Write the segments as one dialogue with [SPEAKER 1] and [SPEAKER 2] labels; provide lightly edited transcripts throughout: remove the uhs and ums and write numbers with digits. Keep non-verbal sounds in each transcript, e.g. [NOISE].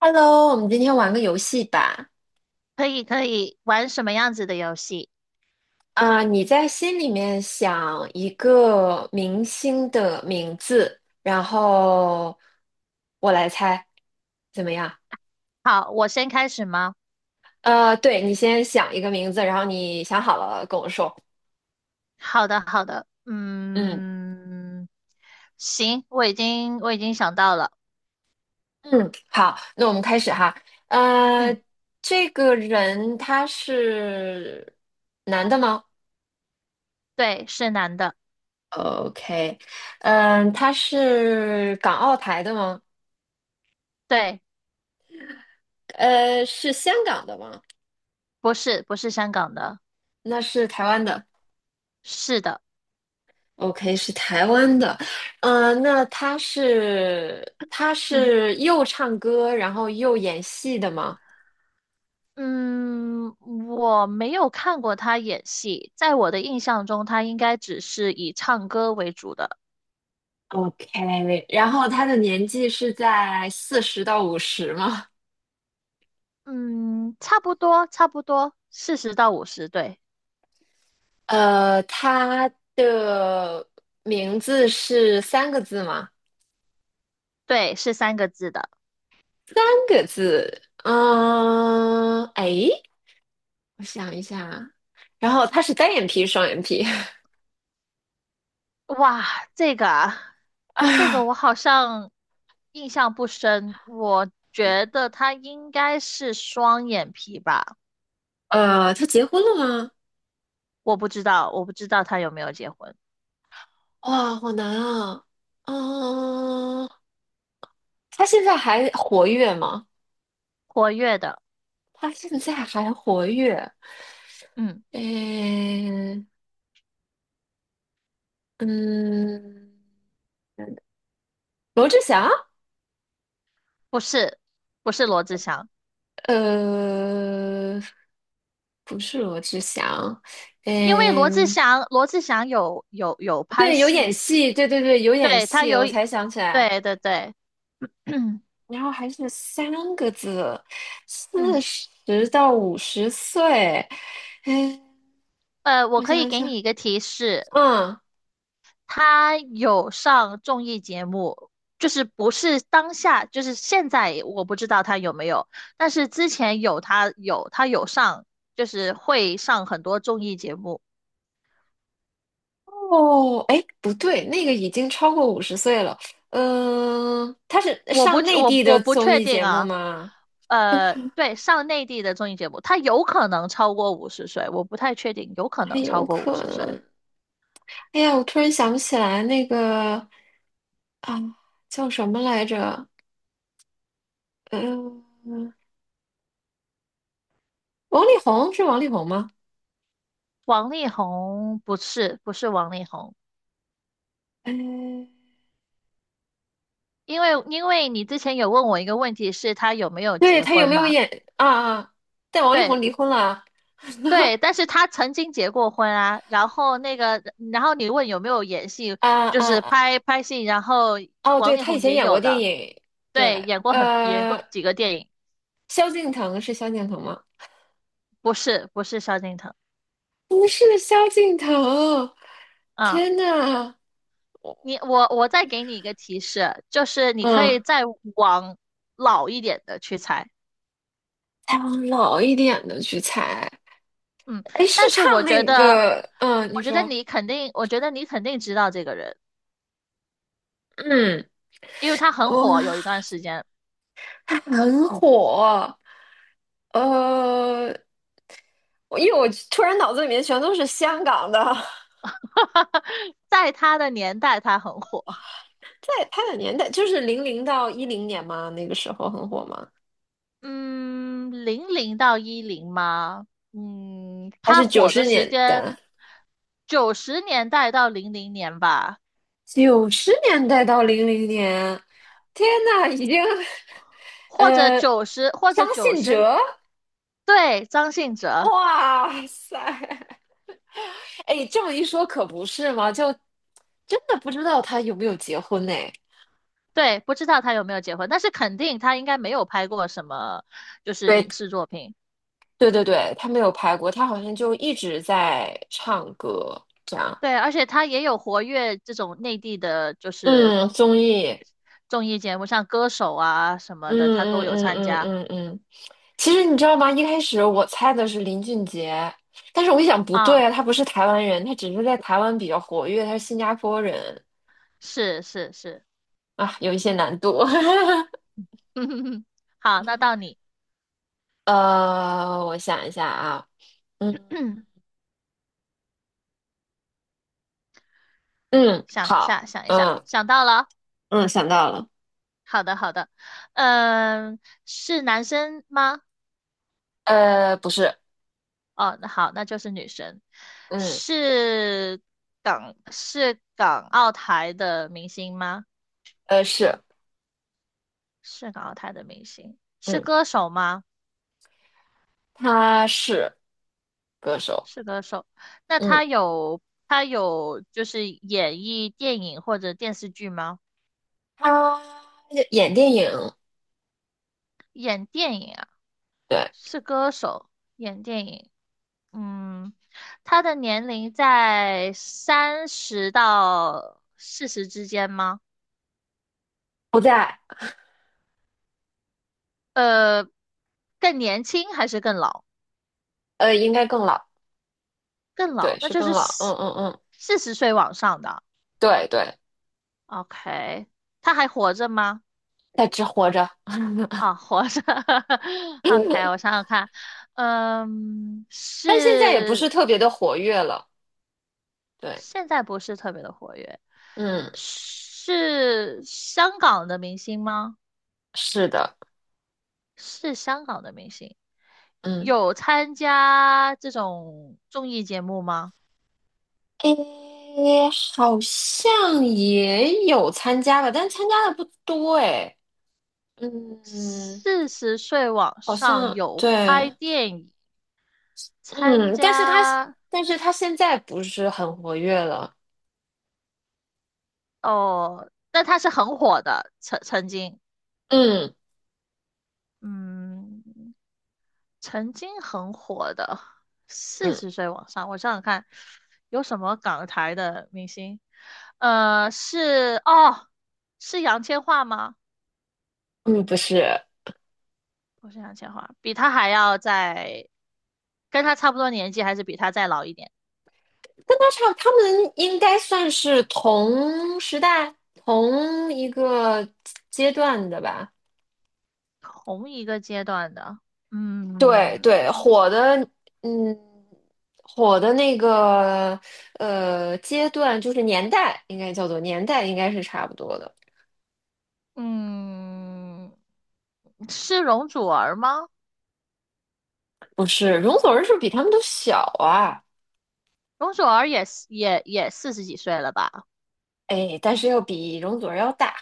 [SPEAKER 1] Hello，我们今天玩个游戏吧。
[SPEAKER 2] 可以玩什么样子的游戏？
[SPEAKER 1] 啊、你在心里面想一个明星的名字，然后我来猜，怎么样？
[SPEAKER 2] 好，我先开始吗？
[SPEAKER 1] 对，你先想一个名字，然后你想好了跟我说。
[SPEAKER 2] 好的好的，
[SPEAKER 1] 嗯
[SPEAKER 2] 嗯，行，我已经想到了。
[SPEAKER 1] 嗯，好，那我们开始哈。呃，
[SPEAKER 2] 嗯，
[SPEAKER 1] 这个人他是男的吗
[SPEAKER 2] 对，是男的。
[SPEAKER 1] ？OK，嗯、他是港澳台的吗？
[SPEAKER 2] 对，
[SPEAKER 1] 是香港的吗？
[SPEAKER 2] 不是香港的。
[SPEAKER 1] 那是台湾的
[SPEAKER 2] 是的。
[SPEAKER 1] ，OK，是台湾的，那他是他
[SPEAKER 2] [LAUGHS]
[SPEAKER 1] 是又唱歌，然后又演戏的吗
[SPEAKER 2] 嗯，我没有看过他演戏，在我的印象中，他应该只是以唱歌为主的。
[SPEAKER 1] ？OK，然后他的年纪是在四十到五十吗？
[SPEAKER 2] 嗯,差不多四十到五十，对。
[SPEAKER 1] 他的名字是三个字吗？
[SPEAKER 2] 对，是三个字的。
[SPEAKER 1] 三个字，嗯、哎，我想一下啊，然后他是单眼皮、双眼皮，[LAUGHS]
[SPEAKER 2] 哇，这个啊，这个
[SPEAKER 1] 啊，
[SPEAKER 2] 我好像印象不深，我觉得他应该是双眼皮吧。
[SPEAKER 1] 他结婚了吗？
[SPEAKER 2] 我不知道，我不知道他有没有结婚。
[SPEAKER 1] 哇，好难啊！嗯，他现在还活跃吗？
[SPEAKER 2] 活跃的。
[SPEAKER 1] 他现在还活跃？
[SPEAKER 2] 嗯，
[SPEAKER 1] 诶，嗯，罗志祥？
[SPEAKER 2] 不是，不是罗志祥。
[SPEAKER 1] 呃，不是罗志祥。
[SPEAKER 2] 因为罗志
[SPEAKER 1] 嗯，
[SPEAKER 2] 祥，罗志祥有拍
[SPEAKER 1] 对，有演
[SPEAKER 2] 戏。
[SPEAKER 1] 戏，对对对，有演
[SPEAKER 2] 对，他
[SPEAKER 1] 戏，
[SPEAKER 2] 有。
[SPEAKER 1] 我才想起来。
[SPEAKER 2] 对对对。[CLEARS THROAT]
[SPEAKER 1] 然后还是三个字，四
[SPEAKER 2] 嗯，
[SPEAKER 1] 十到五十岁。哎，
[SPEAKER 2] 呃，我
[SPEAKER 1] 我
[SPEAKER 2] 可
[SPEAKER 1] 想
[SPEAKER 2] 以
[SPEAKER 1] 一
[SPEAKER 2] 给
[SPEAKER 1] 想，
[SPEAKER 2] 你一个提示，
[SPEAKER 1] 嗯。
[SPEAKER 2] 他有上综艺节目，就是不是当下，就是现在我不知道他有没有，但是之前有他有上，就是会上很多综艺节目。
[SPEAKER 1] 哦，哎，不对，那个已经超过五十岁了。嗯、他是
[SPEAKER 2] 我不
[SPEAKER 1] 上内
[SPEAKER 2] 我
[SPEAKER 1] 地的
[SPEAKER 2] 我不
[SPEAKER 1] 综
[SPEAKER 2] 确
[SPEAKER 1] 艺
[SPEAKER 2] 定
[SPEAKER 1] 节目
[SPEAKER 2] 啊，
[SPEAKER 1] 吗？
[SPEAKER 2] 呃，对，上内地的综艺节目，他有可能超过五十岁，我不太确定，有可
[SPEAKER 1] 还
[SPEAKER 2] 能
[SPEAKER 1] 有
[SPEAKER 2] 超过五
[SPEAKER 1] 可
[SPEAKER 2] 十岁。
[SPEAKER 1] 能。哎呀，我突然想不起来那个啊，叫什么来着？呃，王力宏是王力宏吗？
[SPEAKER 2] 王力宏不是王力宏。
[SPEAKER 1] 哎，
[SPEAKER 2] 因为你之前有问我一个问题，是他有没有
[SPEAKER 1] 对，
[SPEAKER 2] 结
[SPEAKER 1] 他有
[SPEAKER 2] 婚
[SPEAKER 1] 没有
[SPEAKER 2] 嘛？
[SPEAKER 1] 演啊啊？但王力
[SPEAKER 2] 对。
[SPEAKER 1] 宏离婚了
[SPEAKER 2] 对，但是他曾经结过婚啊，然后那个，然后你问有没有演戏，
[SPEAKER 1] 啊
[SPEAKER 2] 就
[SPEAKER 1] 啊
[SPEAKER 2] 是
[SPEAKER 1] 啊！
[SPEAKER 2] 拍戏，然后
[SPEAKER 1] 哦，
[SPEAKER 2] 王
[SPEAKER 1] 对，
[SPEAKER 2] 力
[SPEAKER 1] 他以
[SPEAKER 2] 宏
[SPEAKER 1] 前
[SPEAKER 2] 也
[SPEAKER 1] 演过
[SPEAKER 2] 有
[SPEAKER 1] 电
[SPEAKER 2] 的。
[SPEAKER 1] 影，
[SPEAKER 2] 对，
[SPEAKER 1] 对，
[SPEAKER 2] 演过几个电影。
[SPEAKER 1] 萧敬腾是萧敬腾吗？
[SPEAKER 2] 不是萧敬腾。
[SPEAKER 1] 不是萧敬腾，
[SPEAKER 2] 啊，
[SPEAKER 1] 天呐，
[SPEAKER 2] 你,我再给你一个提示，就是你可以
[SPEAKER 1] 嗯，
[SPEAKER 2] 再往老一点的去猜。
[SPEAKER 1] 再往老一点的去猜，
[SPEAKER 2] 嗯，
[SPEAKER 1] 哎，是
[SPEAKER 2] 但是我
[SPEAKER 1] 唱
[SPEAKER 2] 觉
[SPEAKER 1] 那
[SPEAKER 2] 得，
[SPEAKER 1] 个，嗯，你
[SPEAKER 2] 我觉得
[SPEAKER 1] 说，
[SPEAKER 2] 你肯定，我觉得你肯定知道这个人，
[SPEAKER 1] 嗯，
[SPEAKER 2] 因为他很
[SPEAKER 1] 哦，
[SPEAKER 2] 火，有一段时间。
[SPEAKER 1] 他很火，呃，因为我突然脑子里面全都是香港的，[LAUGHS]
[SPEAKER 2] [LAUGHS] 在他的年代他很火。
[SPEAKER 1] 在他的年代就是00到10年嘛，那个时候很火吗？
[SPEAKER 2] 嗯，零零到一零吗？嗯，
[SPEAKER 1] 还
[SPEAKER 2] 他
[SPEAKER 1] 是九
[SPEAKER 2] 火
[SPEAKER 1] 十
[SPEAKER 2] 的时
[SPEAKER 1] 年
[SPEAKER 2] 间
[SPEAKER 1] 代？
[SPEAKER 2] 九十年代到零零年吧，
[SPEAKER 1] 90年代到00年，天呐，已经，[LAUGHS]
[SPEAKER 2] 或者
[SPEAKER 1] 呃，
[SPEAKER 2] 九十或者
[SPEAKER 1] 张
[SPEAKER 2] 九
[SPEAKER 1] 信
[SPEAKER 2] 十，
[SPEAKER 1] 哲，
[SPEAKER 2] 对，张信哲。
[SPEAKER 1] 哇塞，哎，这么一说可不是嘛，就真的不知道他有没有结婚呢？
[SPEAKER 2] 对，不知道他有没有结婚，但是肯定他应该没有拍过什么就是
[SPEAKER 1] 对，
[SPEAKER 2] 影视作品。
[SPEAKER 1] 对对对，他没有拍过，他好像就一直在唱歌，这样，
[SPEAKER 2] 对，而且他也有活跃这种内地的，就是
[SPEAKER 1] 嗯，综艺，
[SPEAKER 2] 综艺节目，像歌手啊什么的，
[SPEAKER 1] 嗯
[SPEAKER 2] 他都
[SPEAKER 1] 嗯
[SPEAKER 2] 有
[SPEAKER 1] 嗯
[SPEAKER 2] 参
[SPEAKER 1] 嗯
[SPEAKER 2] 加。
[SPEAKER 1] 嗯嗯，其实你知道吗？一开始我猜的是林俊杰，但是我一想不对
[SPEAKER 2] 啊，
[SPEAKER 1] 啊，他不是台湾人，他只是在台湾比较活跃，他是新加坡人
[SPEAKER 2] 是是是。
[SPEAKER 1] 啊，有一些难度。
[SPEAKER 2] [LAUGHS] 好，那到
[SPEAKER 1] [LAUGHS]
[SPEAKER 2] 你。
[SPEAKER 1] 我想一下啊，嗯
[SPEAKER 2] [CLEARS THROAT]
[SPEAKER 1] 嗯，
[SPEAKER 2] 想一
[SPEAKER 1] 好，
[SPEAKER 2] 下，想一下，
[SPEAKER 1] 嗯
[SPEAKER 2] 想到了。
[SPEAKER 1] 嗯，想到了，
[SPEAKER 2] 好的，好的。嗯，是男生吗？
[SPEAKER 1] 不是，
[SPEAKER 2] 哦，那好，那就是女生。
[SPEAKER 1] 嗯
[SPEAKER 2] 是是港澳台的明星吗？
[SPEAKER 1] 是，
[SPEAKER 2] 是港澳台的明星。是
[SPEAKER 1] 嗯，
[SPEAKER 2] 歌手吗？
[SPEAKER 1] 他是歌手，
[SPEAKER 2] 是歌手。那
[SPEAKER 1] 嗯，
[SPEAKER 2] 他有就是演绎电影或者电视剧吗？
[SPEAKER 1] 他演电影，
[SPEAKER 2] 演电影啊？
[SPEAKER 1] 对，
[SPEAKER 2] 是歌手，演电影。嗯，他的年龄在三十到四十之间吗？
[SPEAKER 1] 不在，
[SPEAKER 2] 呃，更年轻还是更老？
[SPEAKER 1] 应该更老，
[SPEAKER 2] 更
[SPEAKER 1] 对，
[SPEAKER 2] 老，那
[SPEAKER 1] 是
[SPEAKER 2] 就
[SPEAKER 1] 更
[SPEAKER 2] 是
[SPEAKER 1] 老，嗯
[SPEAKER 2] 四
[SPEAKER 1] 嗯嗯，
[SPEAKER 2] 四十岁往上的。
[SPEAKER 1] 对对。
[SPEAKER 2] OK，他还活着吗？
[SPEAKER 1] 在只活着，[LAUGHS]
[SPEAKER 2] 啊，活着。[LAUGHS] OK，我想想看。嗯，
[SPEAKER 1] 但现在也不是
[SPEAKER 2] 是
[SPEAKER 1] 特别的活跃了。对，
[SPEAKER 2] 现在不是特别的活跃。
[SPEAKER 1] 嗯，
[SPEAKER 2] 是香港的明星吗？
[SPEAKER 1] 是的，
[SPEAKER 2] 是香港的明星。
[SPEAKER 1] 嗯，
[SPEAKER 2] 有参加这种综艺节目吗？
[SPEAKER 1] 诶，好像也有参加吧，但参加的不多诶。嗯，
[SPEAKER 2] 四十岁往
[SPEAKER 1] 好
[SPEAKER 2] 上
[SPEAKER 1] 像
[SPEAKER 2] 有拍
[SPEAKER 1] 对，
[SPEAKER 2] 电影，参
[SPEAKER 1] 嗯，但是他
[SPEAKER 2] 加。
[SPEAKER 1] 但是他现在不是很活跃了。
[SPEAKER 2] 哦，但他是很火的，曾经，
[SPEAKER 1] 嗯
[SPEAKER 2] 嗯，曾经很火的，四
[SPEAKER 1] 嗯
[SPEAKER 2] 十岁往上，我想想看，有什么港台的明星？呃，是哦，是杨千嬅吗？
[SPEAKER 1] 嗯，不是，
[SPEAKER 2] 不是杨千嬅，比他还要再跟他差不多年纪，还是比他再老一点？
[SPEAKER 1] 跟他差，他们应该算是同时代、同一个阶段的吧。
[SPEAKER 2] 同一个阶段的。
[SPEAKER 1] 对
[SPEAKER 2] 嗯
[SPEAKER 1] 对，火的，嗯，火的那个阶段就是年代，应该叫做年代，应该是差不多的。
[SPEAKER 2] 嗯，是容祖儿吗？
[SPEAKER 1] 不是，容祖儿是不是比他们都小啊？
[SPEAKER 2] 容祖儿也是也也四十几岁了吧？
[SPEAKER 1] 哎，但是要比容祖儿要大。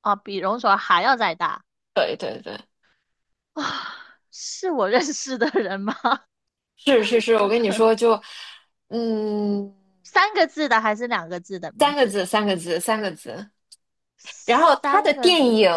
[SPEAKER 2] 啊，比容祖儿还要再大
[SPEAKER 1] 对对对，
[SPEAKER 2] 啊？是我认识的人吗？[LAUGHS]
[SPEAKER 1] 是是是，我
[SPEAKER 2] 我
[SPEAKER 1] 跟
[SPEAKER 2] 操，
[SPEAKER 1] 你说就，嗯，
[SPEAKER 2] 三个字的还是两个字的
[SPEAKER 1] 三
[SPEAKER 2] 名
[SPEAKER 1] 个
[SPEAKER 2] 字？
[SPEAKER 1] 字，三个字，三个字。然后他的
[SPEAKER 2] 三个
[SPEAKER 1] 电
[SPEAKER 2] 字。
[SPEAKER 1] 影，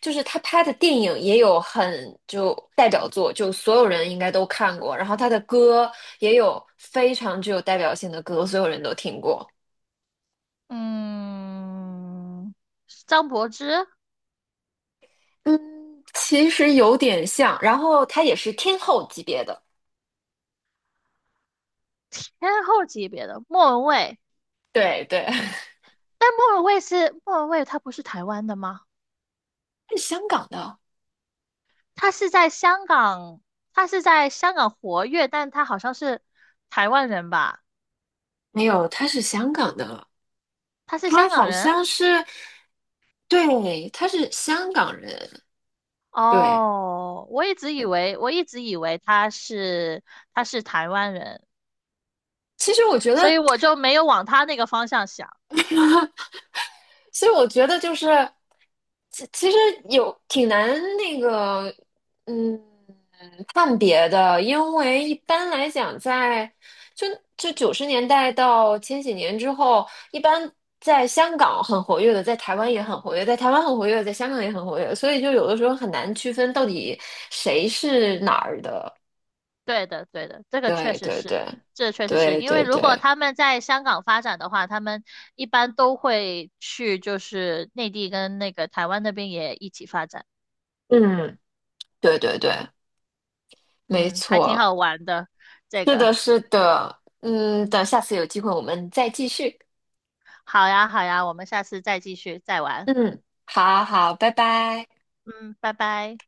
[SPEAKER 1] 就是他拍的电影也有很就代表作，就所有人应该都看过。然后他的歌也有非常具有代表性的歌，所有人都听过。
[SPEAKER 2] 嗯，张柏芝，
[SPEAKER 1] 嗯，其实有点像。然后他也是天后级别的，
[SPEAKER 2] 天后级别的，莫文蔚。
[SPEAKER 1] 对对，[LAUGHS]
[SPEAKER 2] 但莫文蔚是莫文蔚，他不是台湾的吗？
[SPEAKER 1] 他是香港的，
[SPEAKER 2] 他是在香港，他是在香港活跃，但他好像是台湾人吧？
[SPEAKER 1] 没有，他是香港的，
[SPEAKER 2] 他是
[SPEAKER 1] 他
[SPEAKER 2] 香港
[SPEAKER 1] 好
[SPEAKER 2] 人？
[SPEAKER 1] 像是，对，他是香港人。对，
[SPEAKER 2] 哦，我一直以为，我一直以为他是台湾人，
[SPEAKER 1] 其实我觉
[SPEAKER 2] 所
[SPEAKER 1] 得。
[SPEAKER 2] 以我就没有往他那个方向想。
[SPEAKER 1] 所以我觉得就是，其实有挺难那个，嗯，判别的，因为一般来讲在，就就九十年代到千禧年之后，一般在香港很活跃的，在台湾也很活跃，在台湾很活跃，在香港也很活跃，所以就有的时候很难区分到底谁是哪儿的。
[SPEAKER 2] 对的，对的，这个确
[SPEAKER 1] 对
[SPEAKER 2] 实
[SPEAKER 1] 对
[SPEAKER 2] 是，
[SPEAKER 1] 对，
[SPEAKER 2] 这确实是
[SPEAKER 1] 对
[SPEAKER 2] 因为
[SPEAKER 1] 对
[SPEAKER 2] 如果
[SPEAKER 1] 对，
[SPEAKER 2] 他们在香港发展的话，他们一般都会去就是内地跟那个台湾那边也一起发展。
[SPEAKER 1] 嗯，对对对，没
[SPEAKER 2] 嗯，还挺
[SPEAKER 1] 错。
[SPEAKER 2] 好玩的，这
[SPEAKER 1] 是的，
[SPEAKER 2] 个。
[SPEAKER 1] 是的，嗯，等下次有机会我们再继续。
[SPEAKER 2] 好呀，好呀，我们下次再继续再玩。
[SPEAKER 1] 嗯，好好，拜拜。
[SPEAKER 2] 嗯，拜拜。